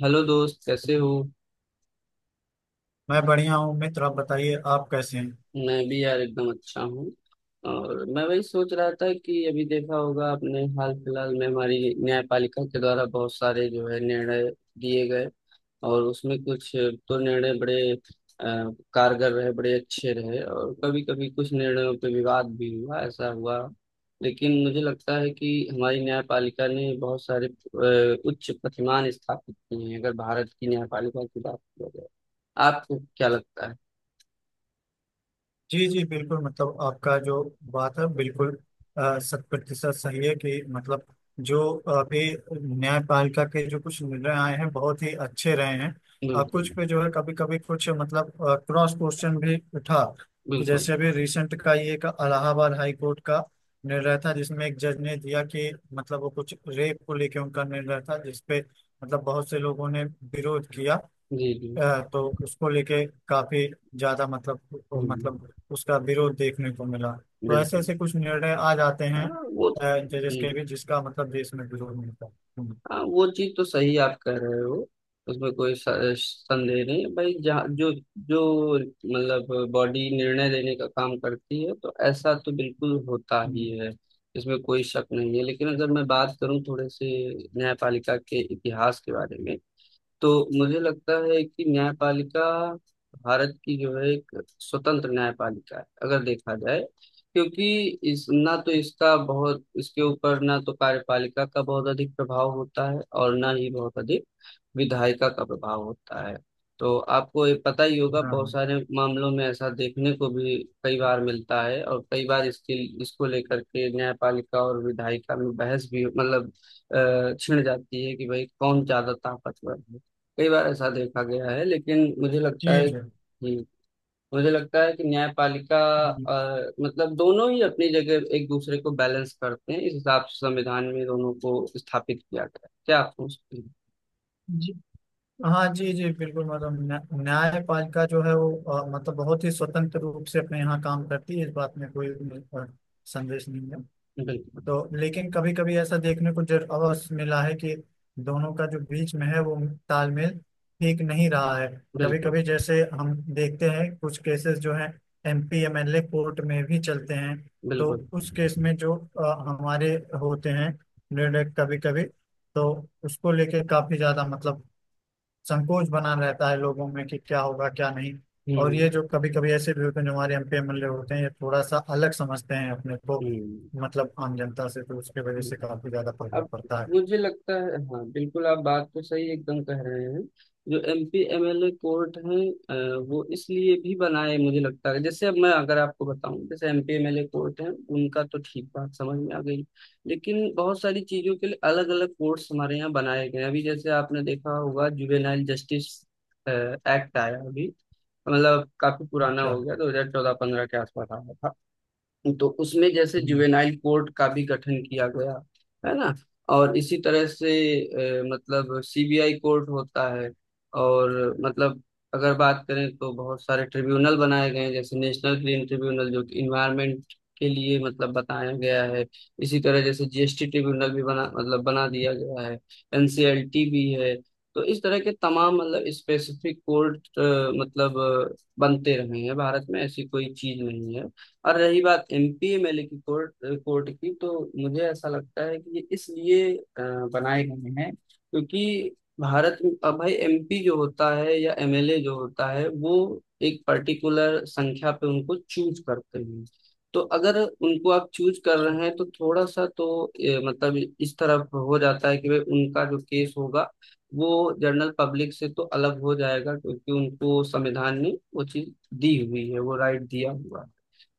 Hello दोस्त, कैसे हो? मैं बढ़िया हूँ मित्र। आप बताइए, आप कैसे हैं? मैं भी यार एकदम अच्छा हूँ। और मैं वही सोच रहा था कि अभी देखा होगा आपने, हाल फिलहाल में हमारी न्यायपालिका के द्वारा बहुत सारे जो है निर्णय दिए गए, और उसमें कुछ तो निर्णय बड़े अ, कारगर रहे, बड़े अच्छे रहे, और कभी कभी कुछ निर्णयों पे विवाद भी हुआ, ऐसा हुआ। लेकिन मुझे लगता है कि हमारी न्यायपालिका ने बहुत सारे उच्च प्रतिमान स्थापित किए हैं, अगर भारत की न्यायपालिका की बात की जाए। आपको क्या लगता है? जी जी, बिल्कुल। मतलब आपका जो बात है, बिल्कुल शत प्रतिशत सही है कि मतलब जो अभी न्यायपालिका के जो कुछ निर्णय आए हैं, बहुत ही अच्छे रहे हैं। और बिल्कुल। कुछ पे जो है कभी कभी कुछ मतलब क्रॉस क्वेश्चन भी उठा कि बिल्कुल। जैसे अभी रिसेंट का ये का इलाहाबाद हाई कोर्ट का निर्णय था, जिसमें एक जज ने दिया कि मतलब वो कुछ रेप को लेके उनका निर्णय था, जिसपे मतलब बहुत से लोगों ने विरोध किया। जी जी। तो उसको लेके काफी ज्यादा मतलब हम्म। मतलब उसका विरोध देखने को मिला। तो ऐसे बिल्कुल। ऐसे कुछ निर्णय आ जाते हैं हाँ, वो, जजेस जी। के भी, जिसका मतलब देश में विरोध मिलता है। हम्म, हाँ, वो चीज तो सही आप कह रहे हो, उसमें कोई संदेह नहीं है भाई। जहाँ जो जो मतलब बॉडी निर्णय लेने का काम करती है तो ऐसा तो बिल्कुल होता ही हम्म, है, इसमें कोई शक नहीं है। लेकिन अगर मैं बात करूं थोड़े से न्यायपालिका के इतिहास के बारे में, तो मुझे लगता है कि न्यायपालिका भारत की जो है एक स्वतंत्र न्यायपालिका है, अगर देखा जाए। क्योंकि इस ना तो इसका बहुत, इसके ऊपर ना तो कार्यपालिका का बहुत अधिक प्रभाव होता है और ना ही बहुत अधिक विधायिका का प्रभाव होता है। तो आपको ये पता ही होगा, बहुत हाँ सारे मामलों में ऐसा देखने को भी कई बार मिलता है, और कई बार इसके, इसको लेकर के न्यायपालिका और विधायिका में बहस भी मतलब छिड़ जाती है कि भाई कौन ज्यादा ताकतवर है, कई बार ऐसा देखा गया है। लेकिन मुझे लगता जी है जी, कि मुझे लगता है कि न्यायपालिका हम्म, मतलब दोनों ही अपनी जगह एक दूसरे को बैलेंस करते हैं, इस हिसाब से संविधान में दोनों को स्थापित किया गया है। क्या आप सोचते हैं? जी, हाँ जी जी, बिल्कुल। मतलब न्यायपालिका जो है वो मतलब बहुत ही स्वतंत्र रूप से अपने यहाँ काम करती है। इस बात में कोई संदेश नहीं है। बिल्कुल। तो लेकिन कभी कभी ऐसा देखने को जर अवसर मिला है कि दोनों का जो बीच में है वो तालमेल ठीक नहीं रहा है। कभी बिल्कुल। कभी जैसे हम देखते हैं कुछ केसेस जो हैं एमपी एमएलए कोर्ट में भी चलते हैं। तो बिल्कुल। उस केस में जो हमारे होते हैं निर्णय कभी कभी, तो उसको लेके काफी ज्यादा मतलब संकोच बना रहता है लोगों में कि क्या होगा क्या नहीं। और ये हम्म। जो कभी कभी ऐसे भी होते हैं जो हमारे एमपी एमएलए होते हैं, ये थोड़ा सा अलग समझते हैं अपने को हम्म। मतलब आम जनता से। तो उसके वजह हम्म। से काफी ज्यादा प्रभाव अब पड़ता है। मुझे लगता है, हाँ बिल्कुल आप बात तो सही एकदम कह रहे हैं। जो एमपी एमएलए कोर्ट हैं, वो इसलिए भी बनाए मुझे लगता है। जैसे अब मैं अगर आपको बताऊं, जैसे एमपी एमएलए कोर्ट हैं, उनका तो ठीक, बात समझ में आ गई। लेकिन बहुत सारी चीजों के लिए अलग अलग कोर्ट्स हमारे यहाँ बनाए गए हैं। अभी जैसे आपने देखा होगा जुवेनाइल जस्टिस एक्ट आया अभी, मतलब काफी पुराना अच्छा। हो गया, 2014-15 के आसपास आया था। तो उसमें जैसे हम्म। जुवेनाइल कोर्ट का भी गठन किया गया, है ना। और इसी तरह से मतलब सीबीआई कोर्ट होता है। और मतलब अगर बात करें तो बहुत सारे ट्रिब्यूनल बनाए गए हैं, जैसे नेशनल ग्रीन ट्रिब्यूनल, जो कि इन्वायरमेंट के लिए मतलब बताया गया है। इसी तरह जैसे जीएसटी ट्रिब्यूनल भी बना, मतलब बना दिया गया है। एनसीएलटी भी है। तो इस तरह के तमाम मतलब स्पेसिफिक कोर्ट मतलब बनते रहे हैं भारत में, ऐसी कोई चीज नहीं है। और रही बात एमपीएमएलए की कोर्ट कोर्ट की, तो मुझे ऐसा लगता है कि ये इसलिए बनाए गए हैं क्योंकि भारत में अब भाई एमपी जो होता है या एमएलए जो होता है, वो एक पर्टिकुलर संख्या पे उनको चूज करते हैं। तो अगर उनको आप चूज कर रहे हैं तो थोड़ा सा तो मतलब इस तरफ हो जाता है कि भाई उनका जो केस होगा वो जनरल पब्लिक से तो अलग हो जाएगा, क्योंकि उनको संविधान ने वो चीज दी हुई है, वो राइट दिया हुआ है।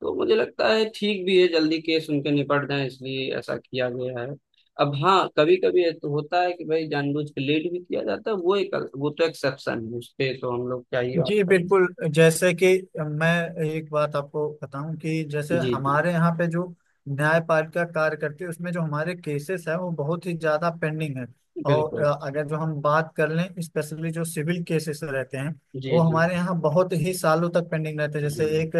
तो मुझे लगता है ठीक भी है, जल्दी केस उनके निपट जाए, इसलिए ऐसा किया गया है। अब हाँ, कभी कभी ये तो होता है कि भाई जानबूझ के लेट भी किया जाता है, वो एक, वो तो एक्सेप्शन है, उस पे तो हम लोग क्या ही बात जी करें। बिल्कुल। जैसे कि मैं एक बात आपको बताऊं कि जैसे जी जी। हमारे यहाँ पे जो न्यायपालिका कार्य करती है उसमें जो हमारे केसेस है वो बहुत ही ज्यादा पेंडिंग है। और बिल्कुल। अगर जो हम बात कर लें, स्पेशली जो सिविल केसेस रहते हैं, वो जी जी। हमारे यहाँ बहुत ही सालों तक पेंडिंग रहते हैं। जैसे हम्म। एक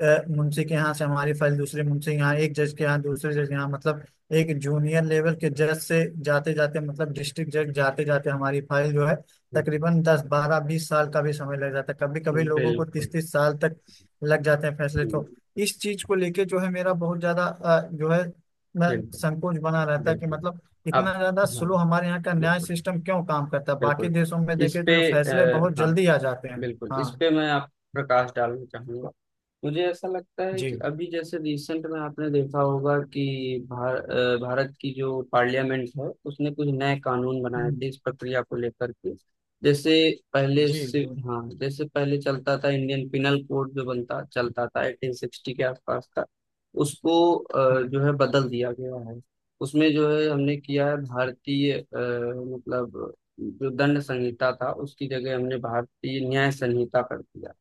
मुंशी के यहाँ से हमारी फाइल दूसरे मुंशी के यहाँ, एक जज के यहाँ दूसरे जज के यहाँ, मतलब एक जूनियर लेवल के जज से जाते जाते मतलब डिस्ट्रिक्ट जज जाते जाते हमारी फाइल जो है हम्म। तकरीबन 10 12 20 साल का भी समय लग जाता है। कभी कभी लोगों को बिल्कुल। 30 30 साल तक लग जाते हैं फैसले। हम्म। तो इस चीज को लेके जो है मेरा बहुत ज्यादा जो है मैं बिल्कुल। संकोच बना रहता है कि बिल्कुल। मतलब अब इतना ज्यादा हाँ, स्लो हमारे यहाँ का न्याय बिल्कुल, सिस्टम क्यों काम करता है। बाकी बिल्कुल देशों में इस देखे पे तो जो फैसले आ, बहुत हाँ जल्दी आ जाते हैं। बिल्कुल इस हाँ पे मैं आप प्रकाश डालना चाहूंगा। मुझे ऐसा लगता है जी, कि अभी जैसे रिसेंट में आपने देखा होगा कि भारत की जो पार्लियामेंट है उसने कुछ नए कानून बनाए हम्म, थे इस प्रक्रिया को लेकर के। जैसे पहले जी से, जी, हाँ जैसे पहले चलता था इंडियन पिनल कोड जो बनता चलता था 1860 के आसपास का, उसको हम्म। जो है बदल दिया गया है। उसमें जो है हमने किया है भारतीय मतलब जो दंड संहिता था उसकी जगह हमने भारतीय न्याय संहिता कर दिया।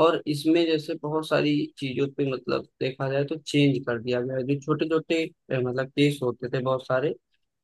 और इसमें जैसे बहुत सारी चीजों पे मतलब देखा जाए तो चेंज कर दिया गया है। जो छोटे छोटे मतलब केस होते थे बहुत सारे,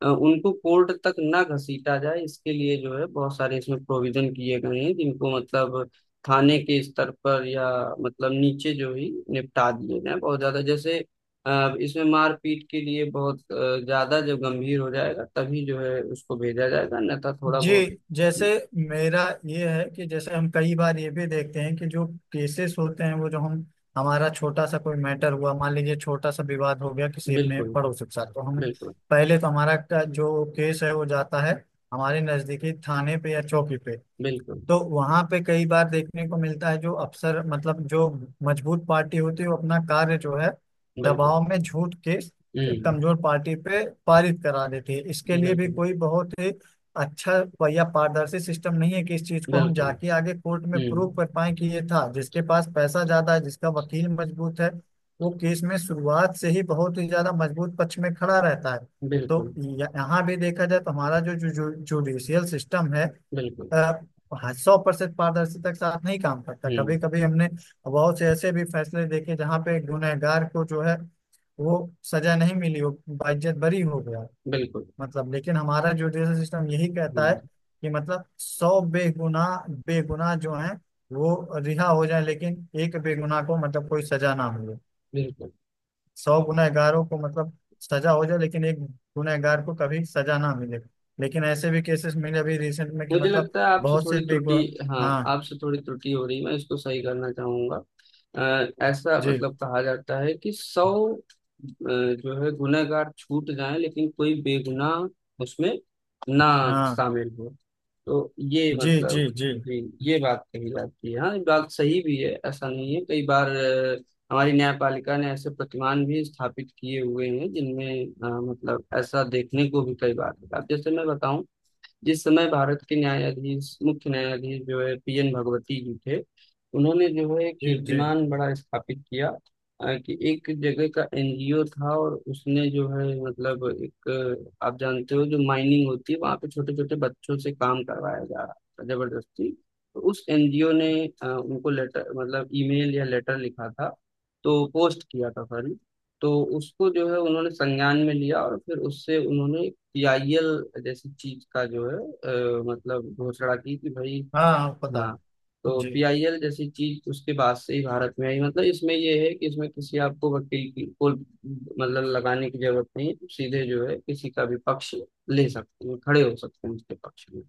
उनको कोर्ट तक ना घसीटा जाए, इसके लिए जो है बहुत सारे इसमें प्रोविजन किए गए हैं, जिनको मतलब थाने के स्तर पर या मतलब नीचे जो ही निपटा दिए गए हैं। बहुत ज्यादा जैसे इसमें मारपीट के लिए बहुत ज्यादा जब गंभीर हो जाएगा तभी जो है उसको भेजा जाएगा, नहीं तो थोड़ा जी, बहुत। जैसे मेरा ये है कि जैसे हम कई बार ये भी देखते हैं कि जो केसेस होते हैं वो जो हम हमारा छोटा सा कोई मैटर हुआ मान लीजिए, छोटा सा विवाद हो गया किसी अपने बिल्कुल। पड़ोसी के साथ, तो हम बिल्कुल। पहले तो हमारा का जो केस है वो जाता है हमारे नजदीकी थाने पे या चौकी पे। बिल्कुल। तो वहां पे कई बार देखने को मिलता है जो अफसर मतलब जो मजबूत पार्टी होती है वो अपना कार्य जो है बिल्कुल। दबाव में झूठ के हम्म। कमजोर पार्टी पे पारित करा देती है। इसके लिए भी बिल्कुल। कोई बहुत ही अच्छा या पारदर्शी सिस्टम नहीं है कि इस चीज को हम बिल्कुल। जाके आगे कोर्ट में प्रूव हम्म। कर पाए कि ये था। जिसके पास पैसा ज्यादा है, जिसका वकील मजबूत है, वो केस में शुरुआत से ही बहुत ही ज्यादा मजबूत पक्ष में खड़ा रहता है। तो बिल्कुल। यहाँ भी देखा जाए तो हमारा जो जुडिशियल सिस्टम है बिल्कुल। 100% पारदर्शिता के साथ नहीं काम करता। हम्म। कभी कभी हमने बहुत से ऐसे भी फैसले देखे जहाँ पे गुनहगार को जो है वो सजा नहीं मिली हो, बाइज्जत बरी हो गया। बिल्कुल। मतलब लेकिन हमारा जुडिशल सिस्टम यही कहता है हम्म। कि मतलब 100 बेगुनाह बेगुनाह जो हैं वो रिहा हो जाए लेकिन एक बेगुनाह को मतलब कोई सजा ना मिले। बिल्कुल। 100 गुनहगारों को मतलब सजा हो जाए लेकिन एक गुनहगार को कभी सजा ना मिले। लेकिन ऐसे भी केसेस मिले अभी रिसेंट में कि मुझे मतलब लगता है आपसे बहुत थोड़ी से बिग। त्रुटि। हाँ, हाँ आपसे थोड़ी त्रुटि हो रही है, मैं इसको सही करना चाहूंगा। ऐसा जी, मतलब कहा जाता है कि सौ जो है गुनहगार छूट जाए लेकिन कोई बेगुनाह उसमें ना हाँ, शामिल हो। तो ये जी जी, मतलब, जी जी, ये बात कही जाती है। हाँ, ये बात सही भी है, ऐसा नहीं है, कई बार हमारी न्यायपालिका ने ऐसे प्रतिमान भी स्थापित किए हुए हैं जिनमें मतलब ऐसा देखने को भी कई बार मिला। अब जैसे मैं बताऊं, जिस समय भारत के न्यायाधीश, मुख्य न्यायाधीश जो है PN भगवती जी थे, उन्होंने जो है जी जी, कीर्तिमान बड़ा स्थापित किया। कि एक जगह का एनजीओ था और उसने जो है मतलब एक, आप जानते हो जो माइनिंग होती है वहां पे छोटे छोटे बच्चों से काम करवाया जा रहा था जबरदस्ती। तो उस एनजीओ ने उनको लेटर, मतलब ईमेल या लेटर लिखा था, तो पोस्ट किया था सॉरी। तो उसको जो है उन्होंने संज्ञान में लिया और फिर उससे उन्होंने पीआईएल जैसी चीज का जो है मतलब घोषणा की कि भाई, हाँ हाँ, पता हाँ, है। तो जी पीआईएल जैसी चीज उसके बाद से ही भारत में आई। मतलब इसमें ये है कि इसमें किसी आपको वकील की को मतलब लगाने की जरूरत नहीं, सीधे जो है किसी का भी पक्ष ले सकते हैं, खड़े हो सकते हैं उसके पक्ष में।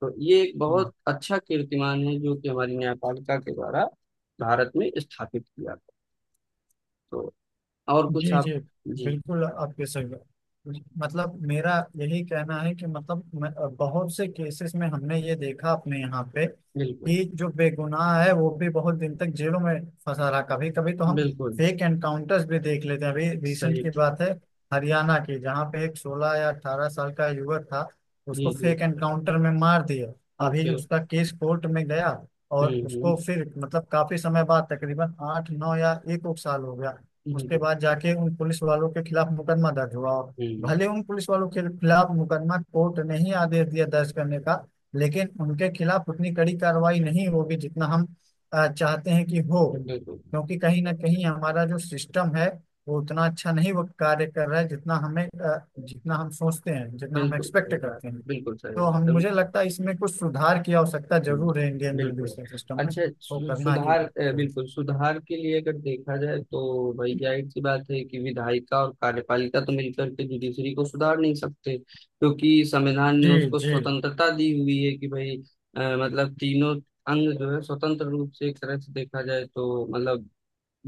तो ये एक बहुत अच्छा कीर्तिमान है जो कि हमारी न्यायपालिका के द्वारा भारत में स्थापित किया गया। तो और कुछ जी जी, आप? जी बिल्कुल आपके सही बात। मतलब मेरा यही कहना है कि मतलब बहुत से केसेस में हमने ये देखा अपने यहाँ पे बिल्कुल। कि जो बेगुनाह है वो भी बहुत दिन तक जेलों में फंसा रहा। कभी कभी तो हम बिल्कुल फेक एनकाउंटर्स भी देख लेते हैं। अभी रिसेंट सही। की बात है हरियाणा की, जहाँ पे एक 16 या 18 साल का युवक था, उसको जी जी। फेक एनकाउंटर में मार दिया। अभी ओके। उसका केस कोर्ट में गया और उसको हम्म। फिर मतलब काफी समय बाद तकरीबन 8 9 या एक एक साल हो गया। उसके बिल्कुल। बाद जाके उन पुलिस वालों के खिलाफ मुकदमा दर्ज हुआ और हम्म, भले उन पुलिस वालों के खिलाफ मुकदमा कोर्ट ने ही आदेश दिया दर्ज करने का, लेकिन उनके खिलाफ उतनी कड़ी कार्रवाई नहीं होगी जितना हम चाहते हैं कि हो, बिल्कुल। क्योंकि कहीं ना कहीं हमारा जो सिस्टम है वो उतना अच्छा नहीं वो कार्य कर रहा है जितना हम सोचते हैं, जितना हम बिल्कुल एक्सपेक्ट सही बात। करते हैं। बिल्कुल सही तो बात हम तुम। मुझे लगता है इसमें कुछ सुधार की आवश्यकता हम्म, जरूर है इंडियन बिल्कुल। जुडिशल सिस्टम में। अच्छा, वो करना ही सुधार, चाहिए। बिल्कुल सुधार के लिए अगर देखा जाए तो भाई जाहिर सी बात है कि विधायिका और कार्यपालिका तो मिलकर के जुडिशरी को सुधार नहीं सकते, क्योंकि संविधान ने जी उसको जी स्वतंत्रता दी हुई है कि भाई मतलब तीनों अंग जो है स्वतंत्र रूप से, एक तरह से देखा जाए तो मतलब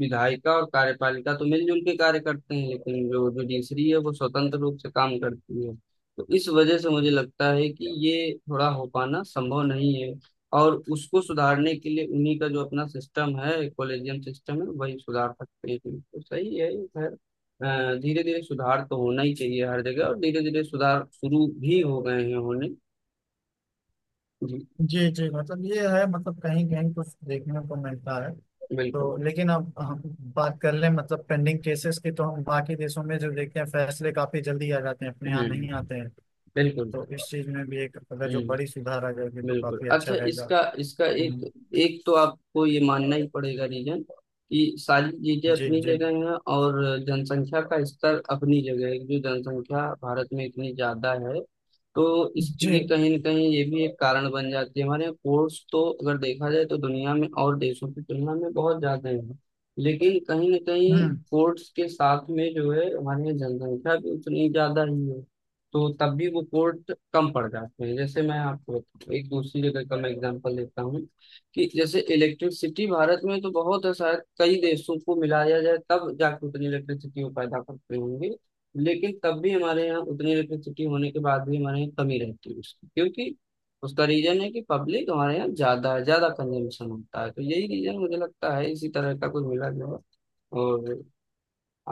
विधायिका और कार्यपालिका तो मिलजुल के कार्य करते हैं, लेकिन जो जुडिशरी है वो स्वतंत्र रूप से काम करती है। तो इस वजह से मुझे लगता है कि ये थोड़ा हो पाना संभव नहीं है। और उसको सुधारने के लिए उन्हीं का जो अपना सिस्टम है, कॉलेजियम सिस्टम है, वही सुधार सकते हैं। तो सही है। खैर, धीरे धीरे सुधार तो होना ही चाहिए हर जगह, और धीरे धीरे सुधार शुरू भी हो गए हैं होने। जी। जी जी। मतलब ये है, मतलब कहीं कहीं कुछ देखने को मिलता है। बिल्कुल। तो लेकिन अब हम बात कर लें मतलब पेंडिंग केसेस की, तो हम बाकी देशों में जो देखते हैं फैसले काफी जल्दी आ जाते हैं, अपने यहाँ नहीं हम्म। आते हैं। बिल्कुल। तो इस चीज में भी एक अगर जो बड़ी हम्म। सुधार आ जाएगी तो बिल्कुल। काफी अच्छा अच्छा, रहेगा। इसका, इसका एक, हम्म, एक तो आपको ये मानना ही पड़ेगा रीजन, कि सारी चीजें जी अपनी जी जगह हैं, और जनसंख्या का स्तर अपनी जगह है। जो जनसंख्या भारत में इतनी ज्यादा है, तो इस, ये जी, कहीं ना कहीं ये भी एक कारण बन जाती है। हमारे यहाँ कोर्स तो अगर देखा जाए तो दुनिया में और देशों की तुलना में बहुत ज्यादा है, लेकिन कहीं ना कहीं हम्म। कोर्ट्स के साथ में जो है हमारे यहाँ जनसंख्या भी उतनी ज्यादा ही है। तो तब भी वो कोर्ट कम पड़ जाते हैं। जैसे मैं आपको एक दूसरी जगह का मैं एग्जांपल लेता हूँ, कि जैसे इलेक्ट्रिसिटी भारत में तो बहुत है, शायद कई देशों को मिलाया जाए तब जाके उतनी इलेक्ट्रिसिटी वो पैदा करते होंगे। लेकिन तब भी हमारे यहाँ उतनी इलेक्ट्रिसिटी होने के बाद भी हमारे यहाँ कमी रहती है उसकी, क्योंकि उसका रीजन है कि पब्लिक हमारे यहाँ ज्यादा है, ज्यादा कंजम्पशन होता है। तो यही रीजन मुझे लगता है, इसी तरह का कुछ मिला जुला। और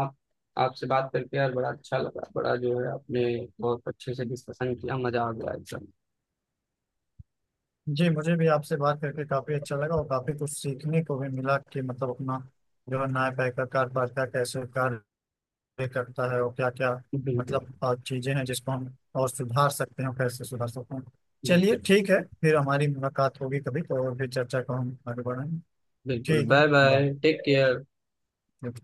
आप, आपसे बात करके यार बड़ा अच्छा लगा, बड़ा जो है आपने बहुत अच्छे से डिस्कशन किया, मजा आ गया एकदम। जी, मुझे भी आपसे बात करके काफी अच्छा लगा और काफी कुछ सीखने को भी मिला कि मतलब अपना जो है न्यायपालिका कार्यपालिका कैसे कार्य ये करता है और क्या क्या बिल्कुल, मतलब चीजें हैं जिसको हम और सुधार सकते हैं और कैसे सुधार सकते हैं। चलिए बिल्कुल। ठीक है। फिर हमारी मुलाकात होगी कभी, तो और भी चर्चा को हम आगे बढ़ाएंगे। बिल्कुल, ठीक है। Bye bye. Bye, take care. ठीक।